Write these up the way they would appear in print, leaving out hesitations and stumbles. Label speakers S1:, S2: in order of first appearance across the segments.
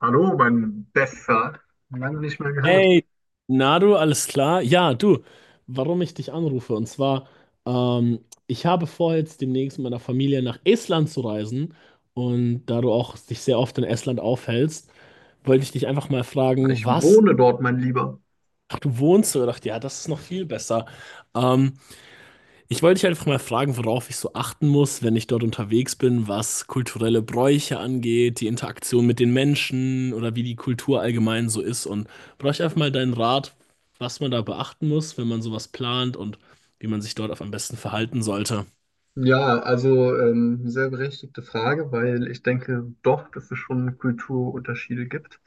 S1: Hallo, mein Bester. Lange nicht mehr gehört.
S2: Hey, Nadu, alles klar? Ja, du, warum ich dich anrufe? Und zwar, ich habe vor, jetzt demnächst mit meiner Familie nach Estland zu reisen. Und da du auch dich sehr oft in Estland aufhältst, wollte ich dich einfach mal fragen,
S1: Ich
S2: was?
S1: wohne dort, mein Lieber.
S2: Ach, du wohnst so. Ich dachte, ja, das ist noch viel besser. Ähm, Ich wollte dich einfach mal fragen, worauf ich so achten muss, wenn ich dort unterwegs bin, was kulturelle Bräuche angeht, die Interaktion mit den Menschen oder wie die Kultur allgemein so ist. Und brauche ich einfach mal deinen Rat, was man da beachten muss, wenn man sowas plant und wie man sich dort auf am besten verhalten sollte.
S1: Ja, also sehr berechtigte Frage, weil ich denke doch, dass es schon Kulturunterschiede gibt,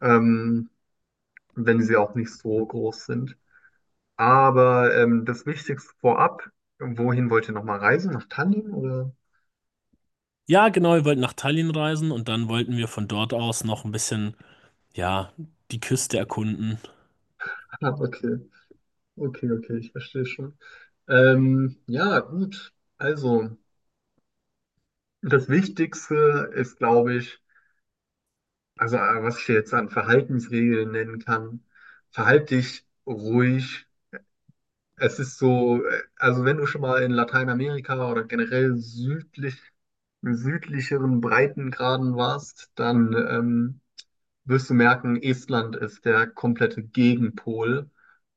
S1: ähm, wenn sie auch nicht so groß sind. Aber das Wichtigste vorab, wohin wollt ihr nochmal reisen? Nach Tallinn oder?
S2: Ja, genau, wir wollten nach Tallinn reisen und dann wollten wir von dort aus noch ein bisschen, ja, die Küste erkunden.
S1: Ah, okay, okay, ich verstehe schon. Ja, gut. Also, das Wichtigste ist, glaube ich, also, was ich jetzt an Verhaltensregeln nennen kann, verhalte dich ruhig. Es ist so, also wenn du schon mal in Lateinamerika oder generell südlicheren Breitengraden warst, dann wirst du merken, Estland ist der komplette Gegenpol.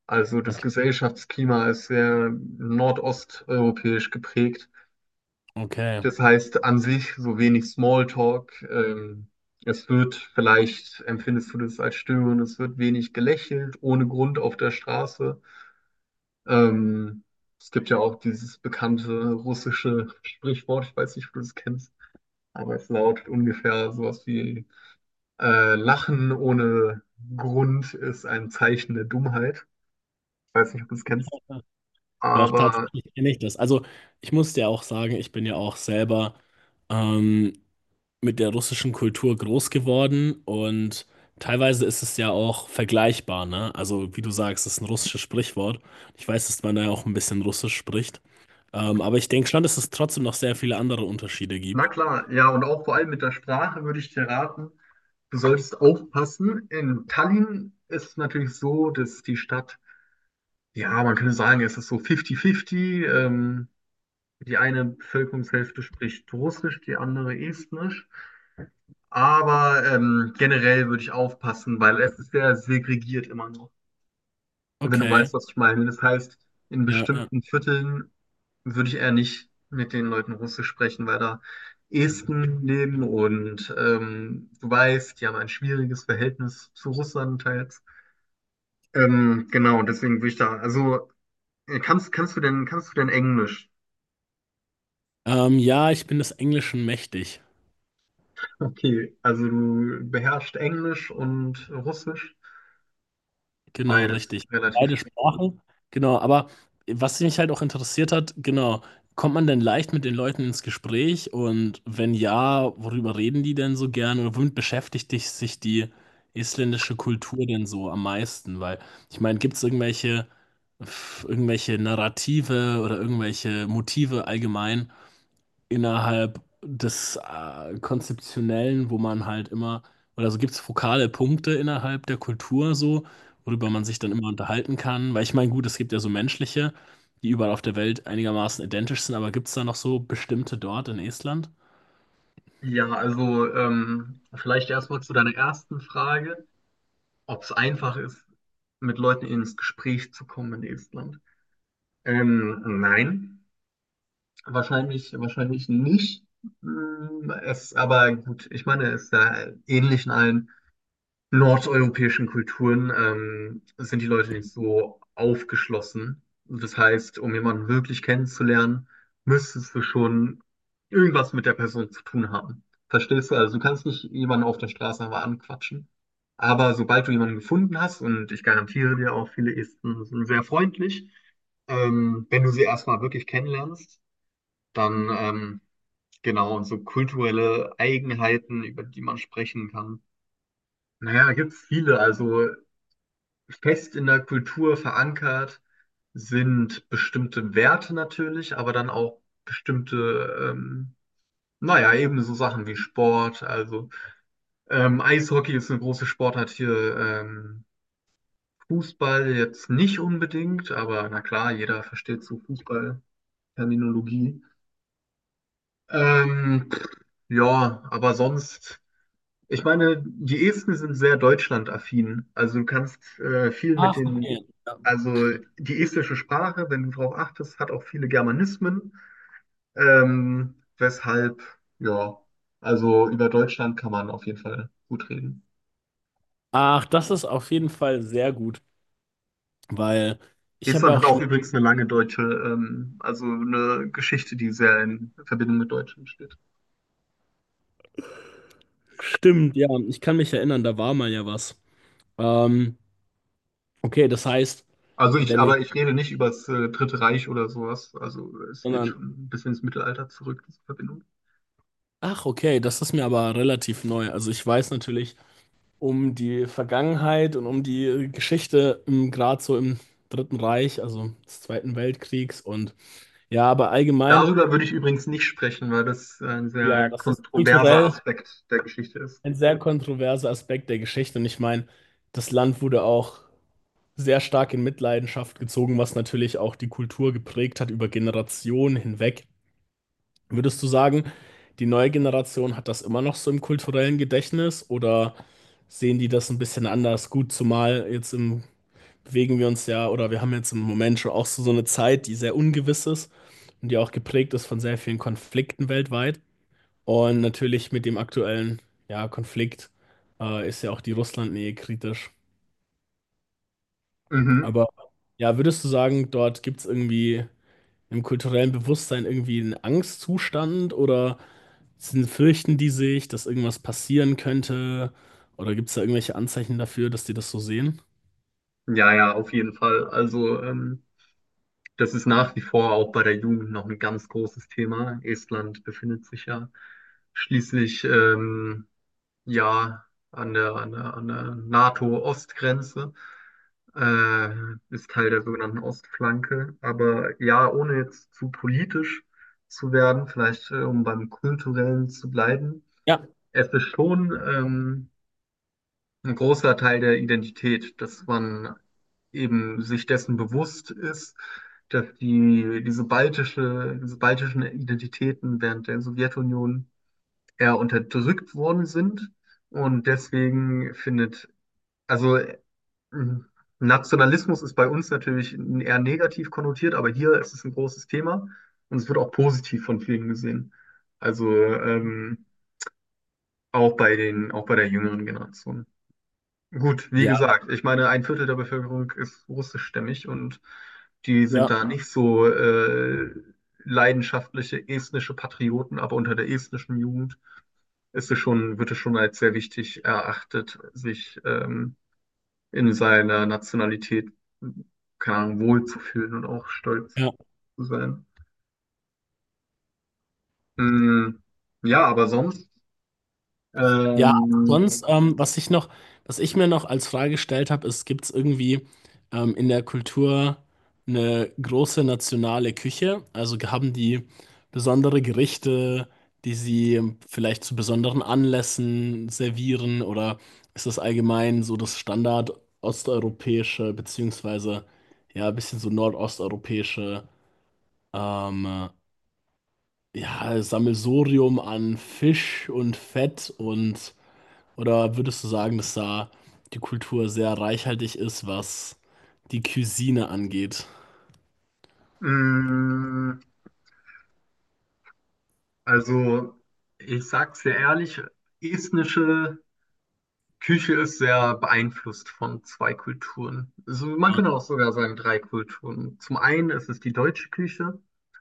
S1: Also das
S2: Okay.
S1: Gesellschaftsklima ist sehr nordosteuropäisch geprägt.
S2: Okay.
S1: Das heißt an sich so wenig Smalltalk. Es wird vielleicht, empfindest du das als störend, es wird wenig gelächelt, ohne Grund auf der Straße. Ähm, es gibt ja auch dieses bekannte russische Sprichwort, ich weiß nicht, ob du das kennst, aber es lautet ungefähr sowas wie Lachen ohne Grund ist ein Zeichen der Dummheit. Ich weiß nicht, ob du das kennst.
S2: Doch,
S1: Aber
S2: tatsächlich kenne ich das. Also, ich muss dir auch sagen, ich bin ja auch selber. Ähm, mit der russischen Kultur groß geworden und teilweise ist es ja auch vergleichbar, ne? Also, wie du sagst, es ist ein russisches Sprichwort. Ich weiß, dass man da ja auch ein bisschen Russisch spricht. Aber ich denke schon, dass es trotzdem noch sehr viele andere Unterschiede
S1: na
S2: gibt.
S1: klar, ja, und auch vor allem mit der Sprache würde ich dir raten, du solltest aufpassen. In Tallinn ist es natürlich so, dass die Stadt, ja, man könnte sagen, es ist so 50-50. Die eine Bevölkerungshälfte spricht Russisch, die andere Estnisch. Aber generell würde ich aufpassen, weil es ist sehr segregiert immer noch. Wenn du
S2: Okay,
S1: weißt, was ich meine. Das heißt, in
S2: ja.
S1: bestimmten Vierteln würde ich eher nicht mit den Leuten Russisch sprechen, weil da Esten leben und du weißt, die haben ein schwieriges Verhältnis zu Russland teils. Genau, deswegen würde ich da, also kannst du denn Englisch?
S2: Ja, ich bin des Englischen mächtig.
S1: Okay, also du beherrschst Englisch und Russisch,
S2: Genau,
S1: beides
S2: richtig.
S1: relativ.
S2: Beide Sprachen, genau. Aber was mich halt auch interessiert hat, genau, kommt man denn leicht mit den Leuten ins Gespräch? Und wenn ja, worüber reden die denn so gern? Oder womit beschäftigt dich, sich die isländische Kultur denn so am meisten? Weil, ich meine, gibt es irgendwelche, irgendwelche Narrative oder irgendwelche Motive allgemein, innerhalb des Konzeptionellen, wo man halt immer, oder so gibt es fokale Punkte innerhalb der Kultur so, worüber man sich dann immer unterhalten kann. Weil ich meine, gut, es gibt ja so menschliche, die überall auf der Welt einigermaßen identisch sind, aber gibt es da noch so bestimmte dort in Estland?
S1: Ja, also vielleicht erstmal zu deiner ersten Frage, ob es einfach ist, mit Leuten ins Gespräch zu kommen in Estland. Nein. Wahrscheinlich nicht. Aber gut, ich meine, es ist ja ähnlich in allen nordeuropäischen Kulturen, sind die Leute nicht so aufgeschlossen. Das heißt, um jemanden wirklich kennenzulernen, müsstest du schon irgendwas mit der Person zu tun haben. Verstehst du? Also du kannst nicht jemanden auf der Straße einfach anquatschen. Aber sobald du jemanden gefunden hast, und ich garantiere dir auch, viele Esten sind sehr freundlich, wenn du sie erstmal wirklich kennenlernst, dann, genau, und so kulturelle Eigenheiten, über die man sprechen kann. Naja, da gibt es viele. Also fest in der Kultur verankert sind bestimmte Werte natürlich, aber dann auch bestimmte, naja, eben so Sachen wie Sport. Also Eishockey ist eine große Sportart hier. Fußball jetzt nicht unbedingt, aber na klar, jeder versteht so Fußball-Terminologie. Ähm, ja, aber sonst ich meine, die Esten sind sehr deutschlandaffin. Also du kannst viel mit
S2: Ach,
S1: den,
S2: okay. Ja.
S1: also die estische Sprache, wenn du darauf achtest, hat auch viele Germanismen. Ähm, weshalb, ja, also über Deutschland kann man auf jeden Fall gut reden.
S2: Ach, das ist auf jeden Fall sehr gut, weil ich habe
S1: Estland
S2: ja
S1: hat
S2: auch
S1: auch
S2: schon.
S1: übrigens eine lange deutsche, also eine Geschichte, die sehr in Verbindung mit Deutschland steht.
S2: Stimmt, ja, ich kann mich erinnern, da war mal ja was. Ähm, okay, das heißt, wenn
S1: Aber
S2: ich,
S1: ich rede nicht über das Dritte Reich oder sowas. Also es geht
S2: sondern
S1: schon ein bisschen ins Mittelalter zurück, diese Verbindung.
S2: ach, okay, das ist mir aber relativ neu. Also ich weiß natürlich um die Vergangenheit und um die Geschichte im, gerade so im Dritten Reich, also des Zweiten Weltkriegs und ja, aber allgemein,
S1: Darüber würde ich übrigens nicht sprechen, weil das ein
S2: ja,
S1: sehr
S2: das ist
S1: kontroverser
S2: kulturell
S1: Aspekt der Geschichte ist.
S2: ein sehr kontroverser Aspekt der Geschichte und ich meine, das Land wurde auch sehr stark in Mitleidenschaft gezogen, was natürlich auch die Kultur geprägt hat über Generationen hinweg. Würdest du sagen, die neue Generation hat das immer noch so im kulturellen Gedächtnis oder sehen die das ein bisschen anders? Gut, zumal jetzt im, bewegen wir uns ja oder wir haben jetzt im Moment schon auch so, so eine Zeit, die sehr ungewiss ist und die auch geprägt ist von sehr vielen Konflikten weltweit. Und natürlich mit dem aktuellen ja, Konflikt ist ja auch die Russlandnähe kritisch.
S1: Mhm.
S2: Aber ja, würdest du sagen, dort gibt es irgendwie im kulturellen Bewusstsein irgendwie einen Angstzustand oder? Sind, fürchten die sich, dass irgendwas passieren könnte? Oder gibt es da irgendwelche Anzeichen dafür, dass die das so sehen?
S1: Ja, ja, auf jeden Fall. Also, das ist nach wie vor auch bei der Jugend noch ein ganz großes Thema. Estland befindet sich ja schließlich ja an der NATO-Ostgrenze, äh, ist Teil der sogenannten Ostflanke. Aber ja, ohne jetzt zu politisch zu werden, vielleicht um beim Kulturellen zu bleiben.
S2: Ja.
S1: Es ist schon ein großer Teil der Identität, dass man eben sich dessen bewusst ist, dass diese diese baltischen Identitäten während der Sowjetunion eher unterdrückt worden sind. Und deswegen findet, also Nationalismus ist bei uns natürlich eher negativ konnotiert, aber hier ist es ein großes Thema und es wird auch positiv von vielen gesehen. Also auch bei der jüngeren Generation. Gut, wie
S2: Ja,
S1: gesagt, ich meine, ein Viertel der Bevölkerung ist russischstämmig und die sind
S2: Ja.
S1: da nicht so leidenschaftliche estnische Patrioten, aber unter der estnischen Jugend wird es schon als sehr wichtig erachtet, sich in seiner Nationalität, keine Ahnung, wohlzufühlen und auch stolz
S2: ja.
S1: zu sein. Mm, ja, aber sonst,
S2: Ja,
S1: ähm,
S2: sonst, was ich noch, was ich mir noch als Frage gestellt habe, ist, gibt es irgendwie in der Kultur eine große nationale Küche? Also haben die besondere Gerichte, die sie vielleicht zu besonderen Anlässen servieren, oder ist das allgemein so das Standard osteuropäische, beziehungsweise ja, ein bisschen so nordosteuropäische ähm, ja, Sammelsurium an Fisch und Fett und oder würdest du sagen, dass da die Kultur sehr reichhaltig ist, was die Cuisine angeht?
S1: mm, also ich sag's dir ehrlich, estnische Küche ist sehr beeinflusst von zwei Kulturen. Also man
S2: Ja.
S1: könnte auch sogar sagen drei Kulturen. Zum einen ist es die deutsche Küche,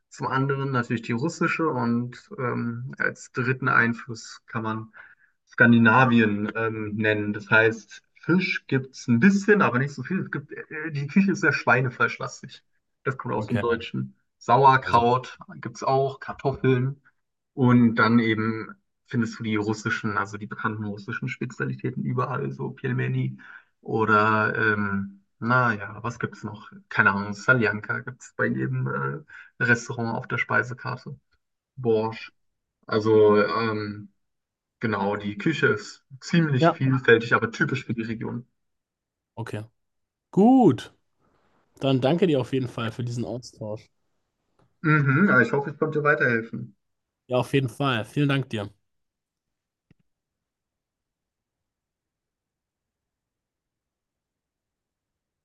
S1: zum anderen natürlich die russische und als dritten Einfluss kann man Skandinavien nennen. Das heißt, Fisch gibt es ein bisschen, aber nicht so viel. Es gibt, die Küche ist sehr schweinefleischlastig. Das kommt aus dem
S2: Okay,
S1: Deutschen.
S2: also.
S1: Sauerkraut gibt es auch, Kartoffeln. Und dann eben findest du die russischen, also die bekannten russischen Spezialitäten überall, so Pelmeni oder, naja, was gibt's noch? Keine Ahnung, Saljanka gibt's bei jedem Restaurant auf der Speisekarte. Borsch. Also, genau, die Küche ist ziemlich
S2: Ja,
S1: vielfältig, aber typisch für die Region.
S2: okay. Gut. Dann danke dir auf jeden Fall für diesen Austausch.
S1: Mhm, ja, ich hoffe, ich konnte weiterhelfen.
S2: Ja, auf jeden Fall. Vielen Dank dir.